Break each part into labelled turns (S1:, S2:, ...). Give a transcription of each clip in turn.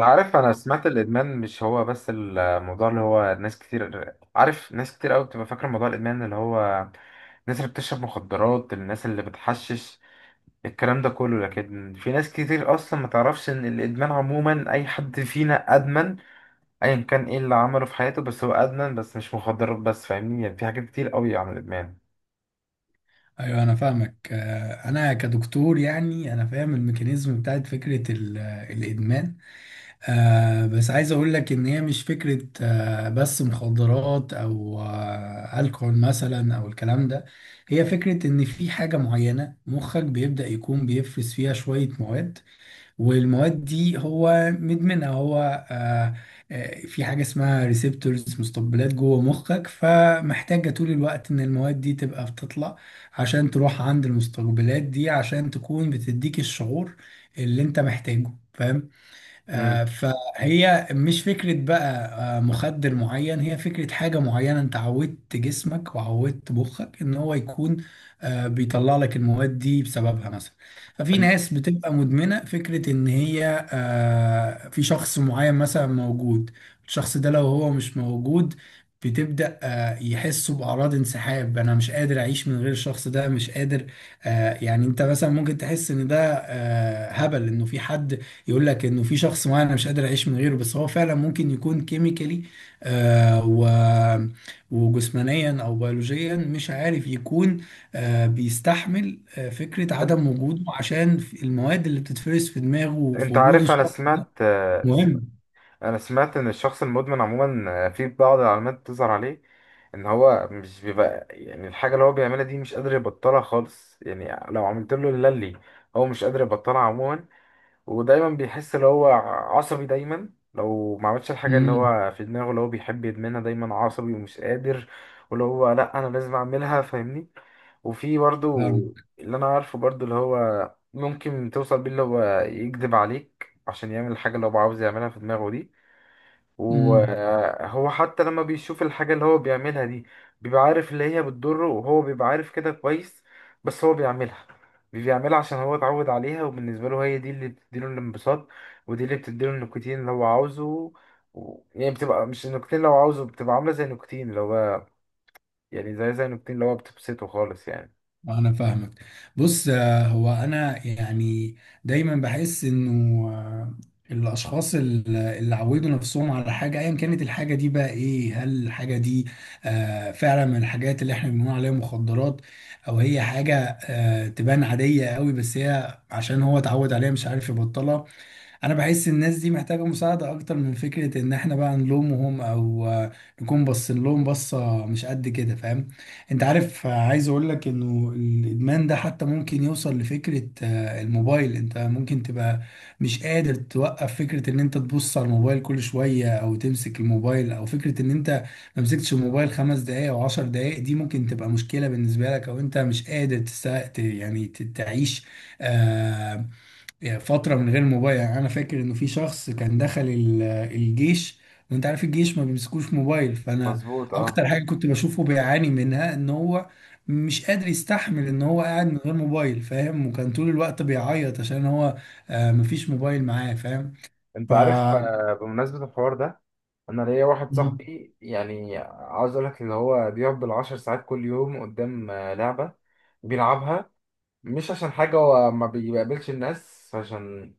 S1: عارف، انا سمعت الادمان مش هو بس الموضوع اللي هو ناس كتير. عارف ناس كتير قوي بتبقى فاكره موضوع الادمان اللي هو الناس اللي بتشرب مخدرات، الناس اللي بتحشش الكلام ده كله. لكن في ناس كتير اصلا ما تعرفش ان الادمان عموما اي حد فينا ادمن ايا كان ايه اللي عمله في حياته، بس هو ادمن، بس مش مخدرات بس. فاهمني؟ يعني في حاجات كتير قوي عن الادمان.
S2: ايوه، انا فاهمك. انا كدكتور، يعني انا فاهم الميكانيزم بتاعت فكره الادمان. بس عايز اقول لك ان هي مش فكره بس مخدرات، او الكحول مثلا، او الكلام ده. هي فكره ان في حاجه معينه مخك بيبدا يكون بيفرز فيها شويه مواد، والمواد دي هو مدمنها. هو آه، آه، في حاجة اسمها ريسبتورز، مستقبلات جوه مخك، فمحتاجة طول الوقت ان المواد دي تبقى بتطلع عشان تروح عند المستقبلات دي، عشان تكون بتديك الشعور اللي انت محتاجه، فاهم؟
S1: امم.
S2: فهي مش فكرة بقى مخدر معين، هي فكرة حاجة معينة انت عودت جسمك وعودت مخك ان هو يكون بيطلع لك المواد دي بسببها مثلا. ففي
S1: انت
S2: ناس بتبقى مدمنة فكرة ان هي في شخص معين مثلا موجود، الشخص ده لو هو مش موجود بتبدأ يحسوا بأعراض انسحاب، أنا مش قادر أعيش من غير الشخص ده، مش قادر. يعني أنت مثلا ممكن تحس إن ده هبل، إنه في حد يقول لك انه في شخص معين انا مش قادر اعيش من غيره، بس هو فعلا ممكن يكون كيميكالي آه و وجسمانيا او بيولوجيا، مش عارف، يكون بيستحمل فكرة عدم وجوده عشان المواد اللي بتتفرز في دماغه وفي
S1: انت
S2: وجوده
S1: عارف، انا
S2: الشخص ده
S1: سمعت
S2: مهم.
S1: انا سمعت ان الشخص المدمن عموما في بعض العلامات تظهر عليه ان هو مش بيبقى، يعني الحاجه اللي هو بيعملها دي مش قادر يبطلها خالص. يعني لو عملت له اللي هو مش قادر يبطلها عموما. ودايما بيحس ان هو عصبي دايما لو ما عملش الحاجه اللي
S2: امم.
S1: هو في دماغه اللي هو بيحب يدمنها، دايما عصبي ومش قادر. واللي هو لا انا لازم اعملها، فاهمني؟ وفي برضو اللي انا عارفه برضو، اللي هو ممكن توصل بيه اللي هو يكذب عليك عشان يعمل الحاجة اللي هو عاوز يعملها في دماغه دي.
S2: فاهم.
S1: وهو حتى لما بيشوف الحاجة اللي هو بيعملها دي، بيبقى عارف اللي هي بتضره وهو بيبقى عارف كده كويس. بس هو بيعملها عشان هو اتعود عليها، وبالنسبة له هي دي اللي بتديله الانبساط، ودي اللي بتديله النيكوتين اللي هو عاوزه. يعني بتبقى مش النيكوتين اللي هو عاوزه، بتبقى عاملة زي النيكوتين اللي هو، يعني زي النيكوتين اللي هو بتبسطه خالص يعني.
S2: انا فاهمك. بص، هو انا يعني دايما بحس انه آه، الاشخاص اللي عودوا نفسهم على حاجه، ايا كانت الحاجه دي بقى ايه، هل الحاجه دي فعلا من الحاجات اللي احنا بنقول عليها مخدرات، او هي حاجه تبان عاديه قوي بس هي عشان هو اتعود عليها مش عارف يبطلها. انا بحس الناس دي محتاجة مساعدة اكتر من فكرة ان احنا بقى نلومهم او نكون باصين لهم بصة مش قد كده، فاهم؟ انت عارف، عايز اقول لك انه الادمان ده حتى ممكن يوصل لفكرة الموبايل. انت ممكن تبقى مش قادر توقف فكرة ان انت تبص على الموبايل كل شوية، او تمسك الموبايل، او فكرة ان انت ما مسكتش الموبايل 5 دقايق او 10 دقايق دي ممكن تبقى مشكلة بالنسبة لك، او انت مش قادر يعني تعيش آه، يعني فترة من غير موبايل. يعني أنا فاكر إنه في شخص كان دخل الجيش، وأنت عارف الجيش ما بيمسكوش موبايل، فأنا
S1: مظبوط اه.
S2: أكتر حاجة كنت بشوفه بيعاني منها إن هو مش قادر يستحمل إن هو قاعد من غير موبايل، فاهم؟ وكان طول الوقت بيعيط عشان هو مفيش موبايل معاه، فاهم؟
S1: انت عارف، بمناسبة الحوار ده، انا ليا واحد
S2: ف
S1: صاحبي، يعني عاوز اقول لك اللي هو بيقعد بالعشر ساعات كل يوم قدام لعبة بيلعبها. مش عشان حاجة، هو ما بيقابلش الناس. عشان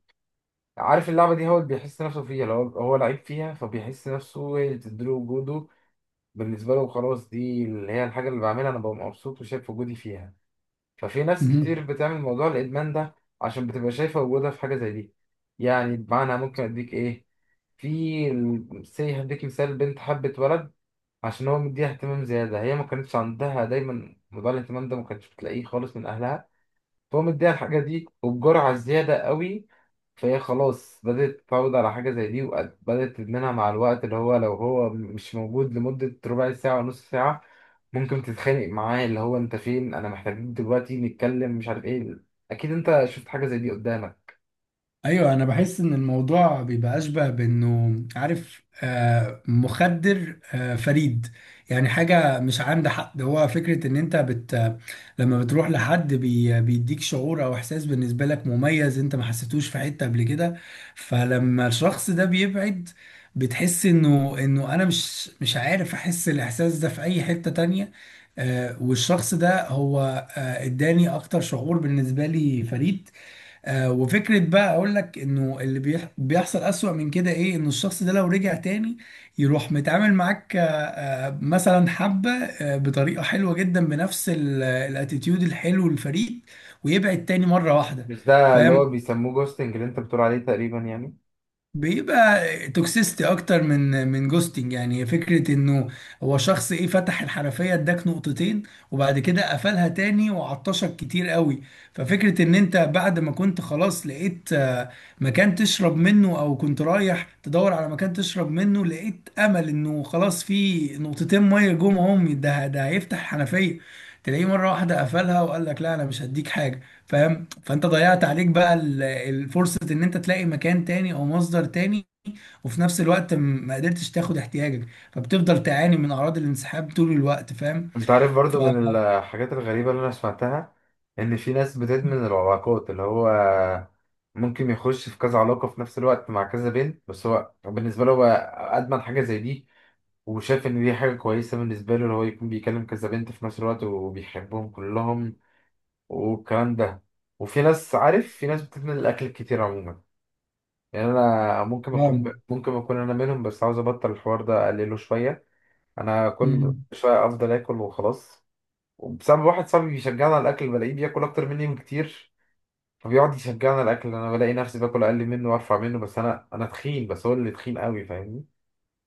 S1: عارف اللعبة دي هو اللي بيحس نفسه فيها، لو هو لعيب فيها فبيحس نفسه هي اللي بتديله وجوده. بالنسبة له خلاص دي اللي هي الحاجة اللي بعملها، انا ببقى مبسوط وشايف وجودي فيها. ففي ناس كتير بتعمل موضوع الادمان ده عشان بتبقى شايفه وجودها في حاجه زي دي. يعني بمعنى ممكن اديك ايه، في سي هديك مثال، بنت حبت ولد عشان هو مديها اهتمام زياده، هي ما كانتش عندها دايما موضوع الاهتمام ده، ما كانتش بتلاقيه خالص من اهلها. فهو مديها الحاجه دي وبجرعه زياده قوي. فهي خلاص بدأت تتعود على حاجة زي دي وبدأت تدمنها مع الوقت، اللي هو لو هو مش موجود لمدة ربع ساعة ونص ساعة ممكن تتخانق معاه، اللي هو انت فين، انا محتاجين دلوقتي نتكلم مش عارف ايه. اكيد انت شفت حاجه زي دي قدامك.
S2: ايوه، انا بحس ان الموضوع بيبقى اشبه بانه، عارف، مخدر فريد، يعني حاجه مش عند حد. هو فكره ان انت لما بتروح لحد بيديك شعور او احساس بالنسبه لك مميز، انت ما حسيتوش في حته قبل كده. فلما الشخص ده بيبعد بتحس انه انا مش عارف احس الاحساس ده في اي حته تانية. والشخص ده هو اداني اكتر شعور بالنسبه لي فريد. وفكرة بقى اقول لك انه اللي بيحصل اسوأ من كده ايه، انه الشخص ده لو رجع تاني يروح متعامل معاك مثلا حبة بطريقة حلوة جدا، بنفس الاتيتيود الحلو للفريق، ويبعد تاني مرة واحدة.
S1: مش ده اللي
S2: فاهم؟
S1: هو بيسموه جوستنج اللي انت بتقول عليه تقريبا يعني؟
S2: بيبقى توكسيستي اكتر من جوستنج، يعني فكره انه هو شخص ايه، فتح الحنفيه اداك نقطتين وبعد كده قفلها تاني وعطشك كتير قوي. ففكره ان انت بعد ما كنت خلاص لقيت مكان تشرب منه، او كنت رايح تدور على مكان تشرب منه، لقيت امل انه خلاص في نقطتين ميه جم، اهم ده هيفتح الحنفيه، تلاقيه مره واحده قفلها وقال لك لا انا مش هديك حاجه. فاهم؟ فانت ضيعت عليك بقى الفرصة ان انت تلاقي مكان تاني او مصدر تاني، وفي نفس الوقت ما قدرتش تاخد احتياجك، فبتفضل تعاني من اعراض الانسحاب طول الوقت، فاهم؟
S1: انت عارف
S2: ف
S1: برضو من الحاجات الغريبه اللي انا سمعتها ان في ناس بتدمن العلاقات، اللي هو ممكن يخش في كذا علاقه في نفس الوقت مع كذا بنت، بس هو بالنسبه له هو ادمن حاجه زي دي وشاف ان دي حاجه كويسه بالنسبه له، اللي هو يكون بيكلم كذا بنت في نفس الوقت وبيحبهم كلهم والكلام ده. وفي ناس، عارف، في ناس بتدمن الاكل كتير عموما. يعني انا ممكن اكون
S2: فاهم.
S1: ممكن اكون انا منهم، بس عاوز ابطل الحوار ده اقلله شويه. انا كل
S2: مم.
S1: شويه افضل اكل وخلاص. وبسبب واحد صاحبي بيشجعني على الاكل، بلاقيه بياكل اكتر مني بكتير، فبيقعد يشجعني على الاكل. انا بلاقي نفسي باكل اقل منه وارفع منه، بس انا تخين بس هو اللي تخين قوي، فاهمني؟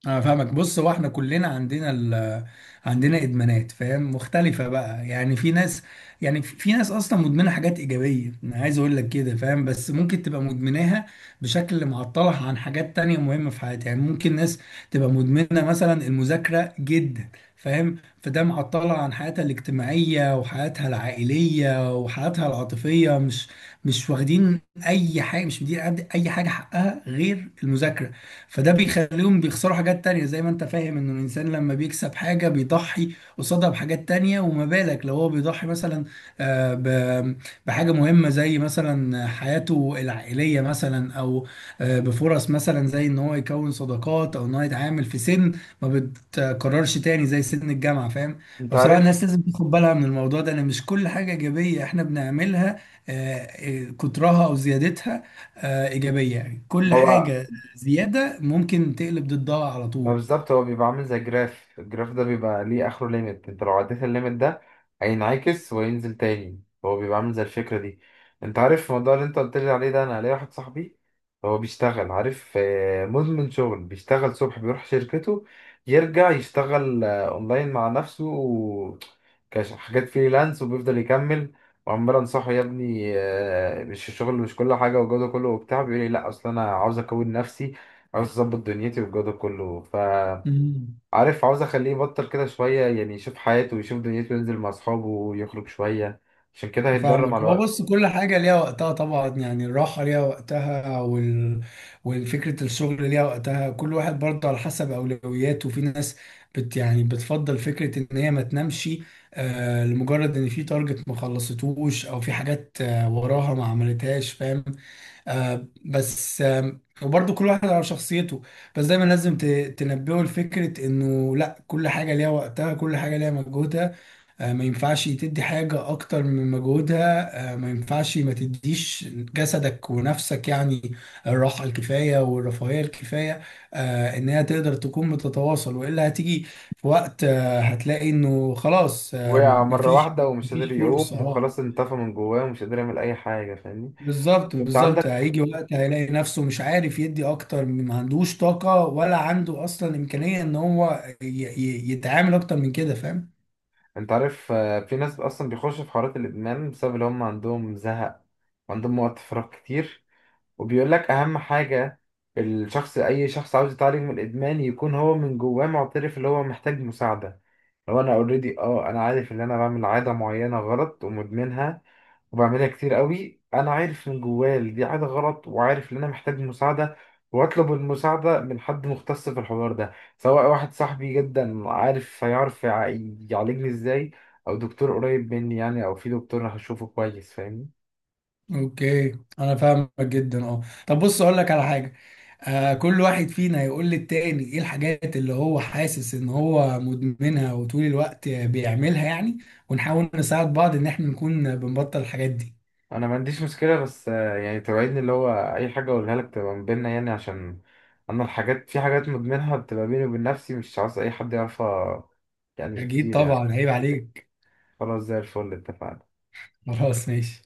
S2: انا فاهمك. بص، هو احنا كلنا عندنا عندنا ادمانات، فاهم، مختلفه بقى. يعني في ناس، يعني في ناس اصلا مدمنه حاجات ايجابيه، انا عايز اقول لك كده، فاهم، بس ممكن تبقى مدمناها بشكل معطلها عن حاجات تانية مهمه في حياتها. يعني ممكن ناس تبقى مدمنه مثلا المذاكره جدا، فاهم، فده معطلها عن حياتها الاجتماعيه وحياتها العائليه وحياتها العاطفيه، مش واخدين اي حاجه، مش مدين اي حاجه حقها غير المذاكره. فده بيخليهم بيخسروا حاجات تانية. زي ما انت فاهم انه الانسان لما بيكسب حاجة بيضحي قصادها بحاجات تانية، وما بالك لو هو بيضحي مثلا آه، ب- بحاجة مهمة زي مثلا حياته العائلية مثلا، او بفرص مثلا زي ان هو يكون صداقات، او ان هو يتعامل في سن ما بتكررش تاني زي سن الجامعة، فاهم؟
S1: انت
S2: فبصراحة
S1: عارف
S2: الناس لازم تاخد بالها من الموضوع ده، ان مش كل حاجة ايجابية احنا بنعملها كترها او زيادتها ايجابية. يعني كل
S1: موضوع
S2: حاجة زياده ممكن تقلب ضدها على
S1: ما
S2: طول.
S1: بالظبط هو بيبقى عامل زي جراف، الجراف ده بيبقى ليه اخره ليميت، انت لو عديت الليميت ده هينعكس وينزل تاني، هو بيبقى عامل زي الفكرة دي. انت عارف الموضوع اللي انت قلت لي عليه ده، انا ليا واحد صاحبي هو بيشتغل، عارف، مدمن شغل. بيشتغل الصبح بيروح شركته، يرجع يشتغل اونلاين مع نفسه حاجات فريلانس، وبيفضل يكمل. وعمال انصحه، يا ابني مش الشغل مش كل حاجة والجو ده كله وبتاع، بيقول لي لا اصل انا عاوز اكون نفسي، عاوز اظبط دنيتي والجو ده كله. فعارف،
S2: امم
S1: عاوز اخليه يبطل كده شويه، يعني يشوف حياته ويشوف دنيته وينزل مع اصحابه ويخرج شويه، عشان كده هيتضرر مع
S2: فاهمك. هو
S1: الوقت.
S2: بص، كل حاجة ليها وقتها طبعا. يعني الراحة ليها وقتها والفكرة، الشغل ليها وقتها، كل واحد برضه على حسب أولوياته. في ناس يعني بتفضل فكرة إن هي ما تنامش لمجرد إن في تارجت ما خلصتوش، أو في حاجات وراها ما عملتهاش، فاهم؟ آه بس آه وبرضه كل واحد على شخصيته، بس دايما لازم تنبهه لفكرة انه لا، كل حاجة ليها وقتها، كل حاجة ليها مجهودها، ما ينفعش تدي حاجة اكتر من مجهودها، ما ينفعش ما تديش جسدك ونفسك يعني الراحة الكفاية والرفاهية الكفاية. ان هي تقدر تكون بتتواصل، والا هتيجي في وقت هتلاقي انه خلاص،
S1: وقع مره
S2: مفيش
S1: واحده ومش قادر
S2: مفيش فرصة.
S1: يقوم
S2: اه،
S1: وخلاص، انطفى من جواه ومش قادر يعمل اي حاجه، فاهمني؟
S2: بالظبط،
S1: انت
S2: بالظبط.
S1: عندك
S2: هيجي وقت هيلاقي نفسه مش عارف يدي اكتر، ما عندوش طاقة ولا عنده اصلا امكانية ان هو يتعامل اكتر من كده، فاهم؟
S1: انت عارف، في ناس اصلا بيخشوا في حوارات الادمان بسبب ان هم عندهم زهق وعندهم وقت فراغ كتير. وبيقول لك اهم حاجه الشخص، اي شخص عاوز يتعالج من الادمان، يكون هو من جواه معترف اللي هو محتاج مساعده. هو انا اوريدي اه انا عارف ان انا بعمل عاده معينه غلط ومدمنها وبعملها كتير قوي، انا عارف من جوايا إن دي عاده غلط، وعارف ان انا محتاج مساعده، واطلب المساعده من حد مختص في الحوار ده. سواء واحد صاحبي جدا عارف هيعرف يعالجني ازاي، او دكتور قريب مني يعني، او في دكتور هشوفه كويس، فاهمني؟
S2: اوكي، انا فاهمك جدا. اه، طب بص اقول لك على حاجة، كل واحد فينا هيقول للتاني ايه الحاجات اللي هو حاسس ان هو مدمنها وطول الوقت بيعملها، يعني ونحاول نساعد بعض ان احنا نكون بنبطل الحاجات دي.
S1: انا ما عنديش مشكله، بس يعني توعدني اللي هو اي حاجه اقولها لك تبقى من بيننا، يعني عشان انا الحاجات، في حاجات مدمنها بتبقى بيني وبين نفسي مش عاوز اي حد يعرفها، يعني
S2: اكيد
S1: كتير يعني.
S2: طبعا، عيب عليك.
S1: خلاص زي الفل، اتفقنا.
S2: خلاص ماشي.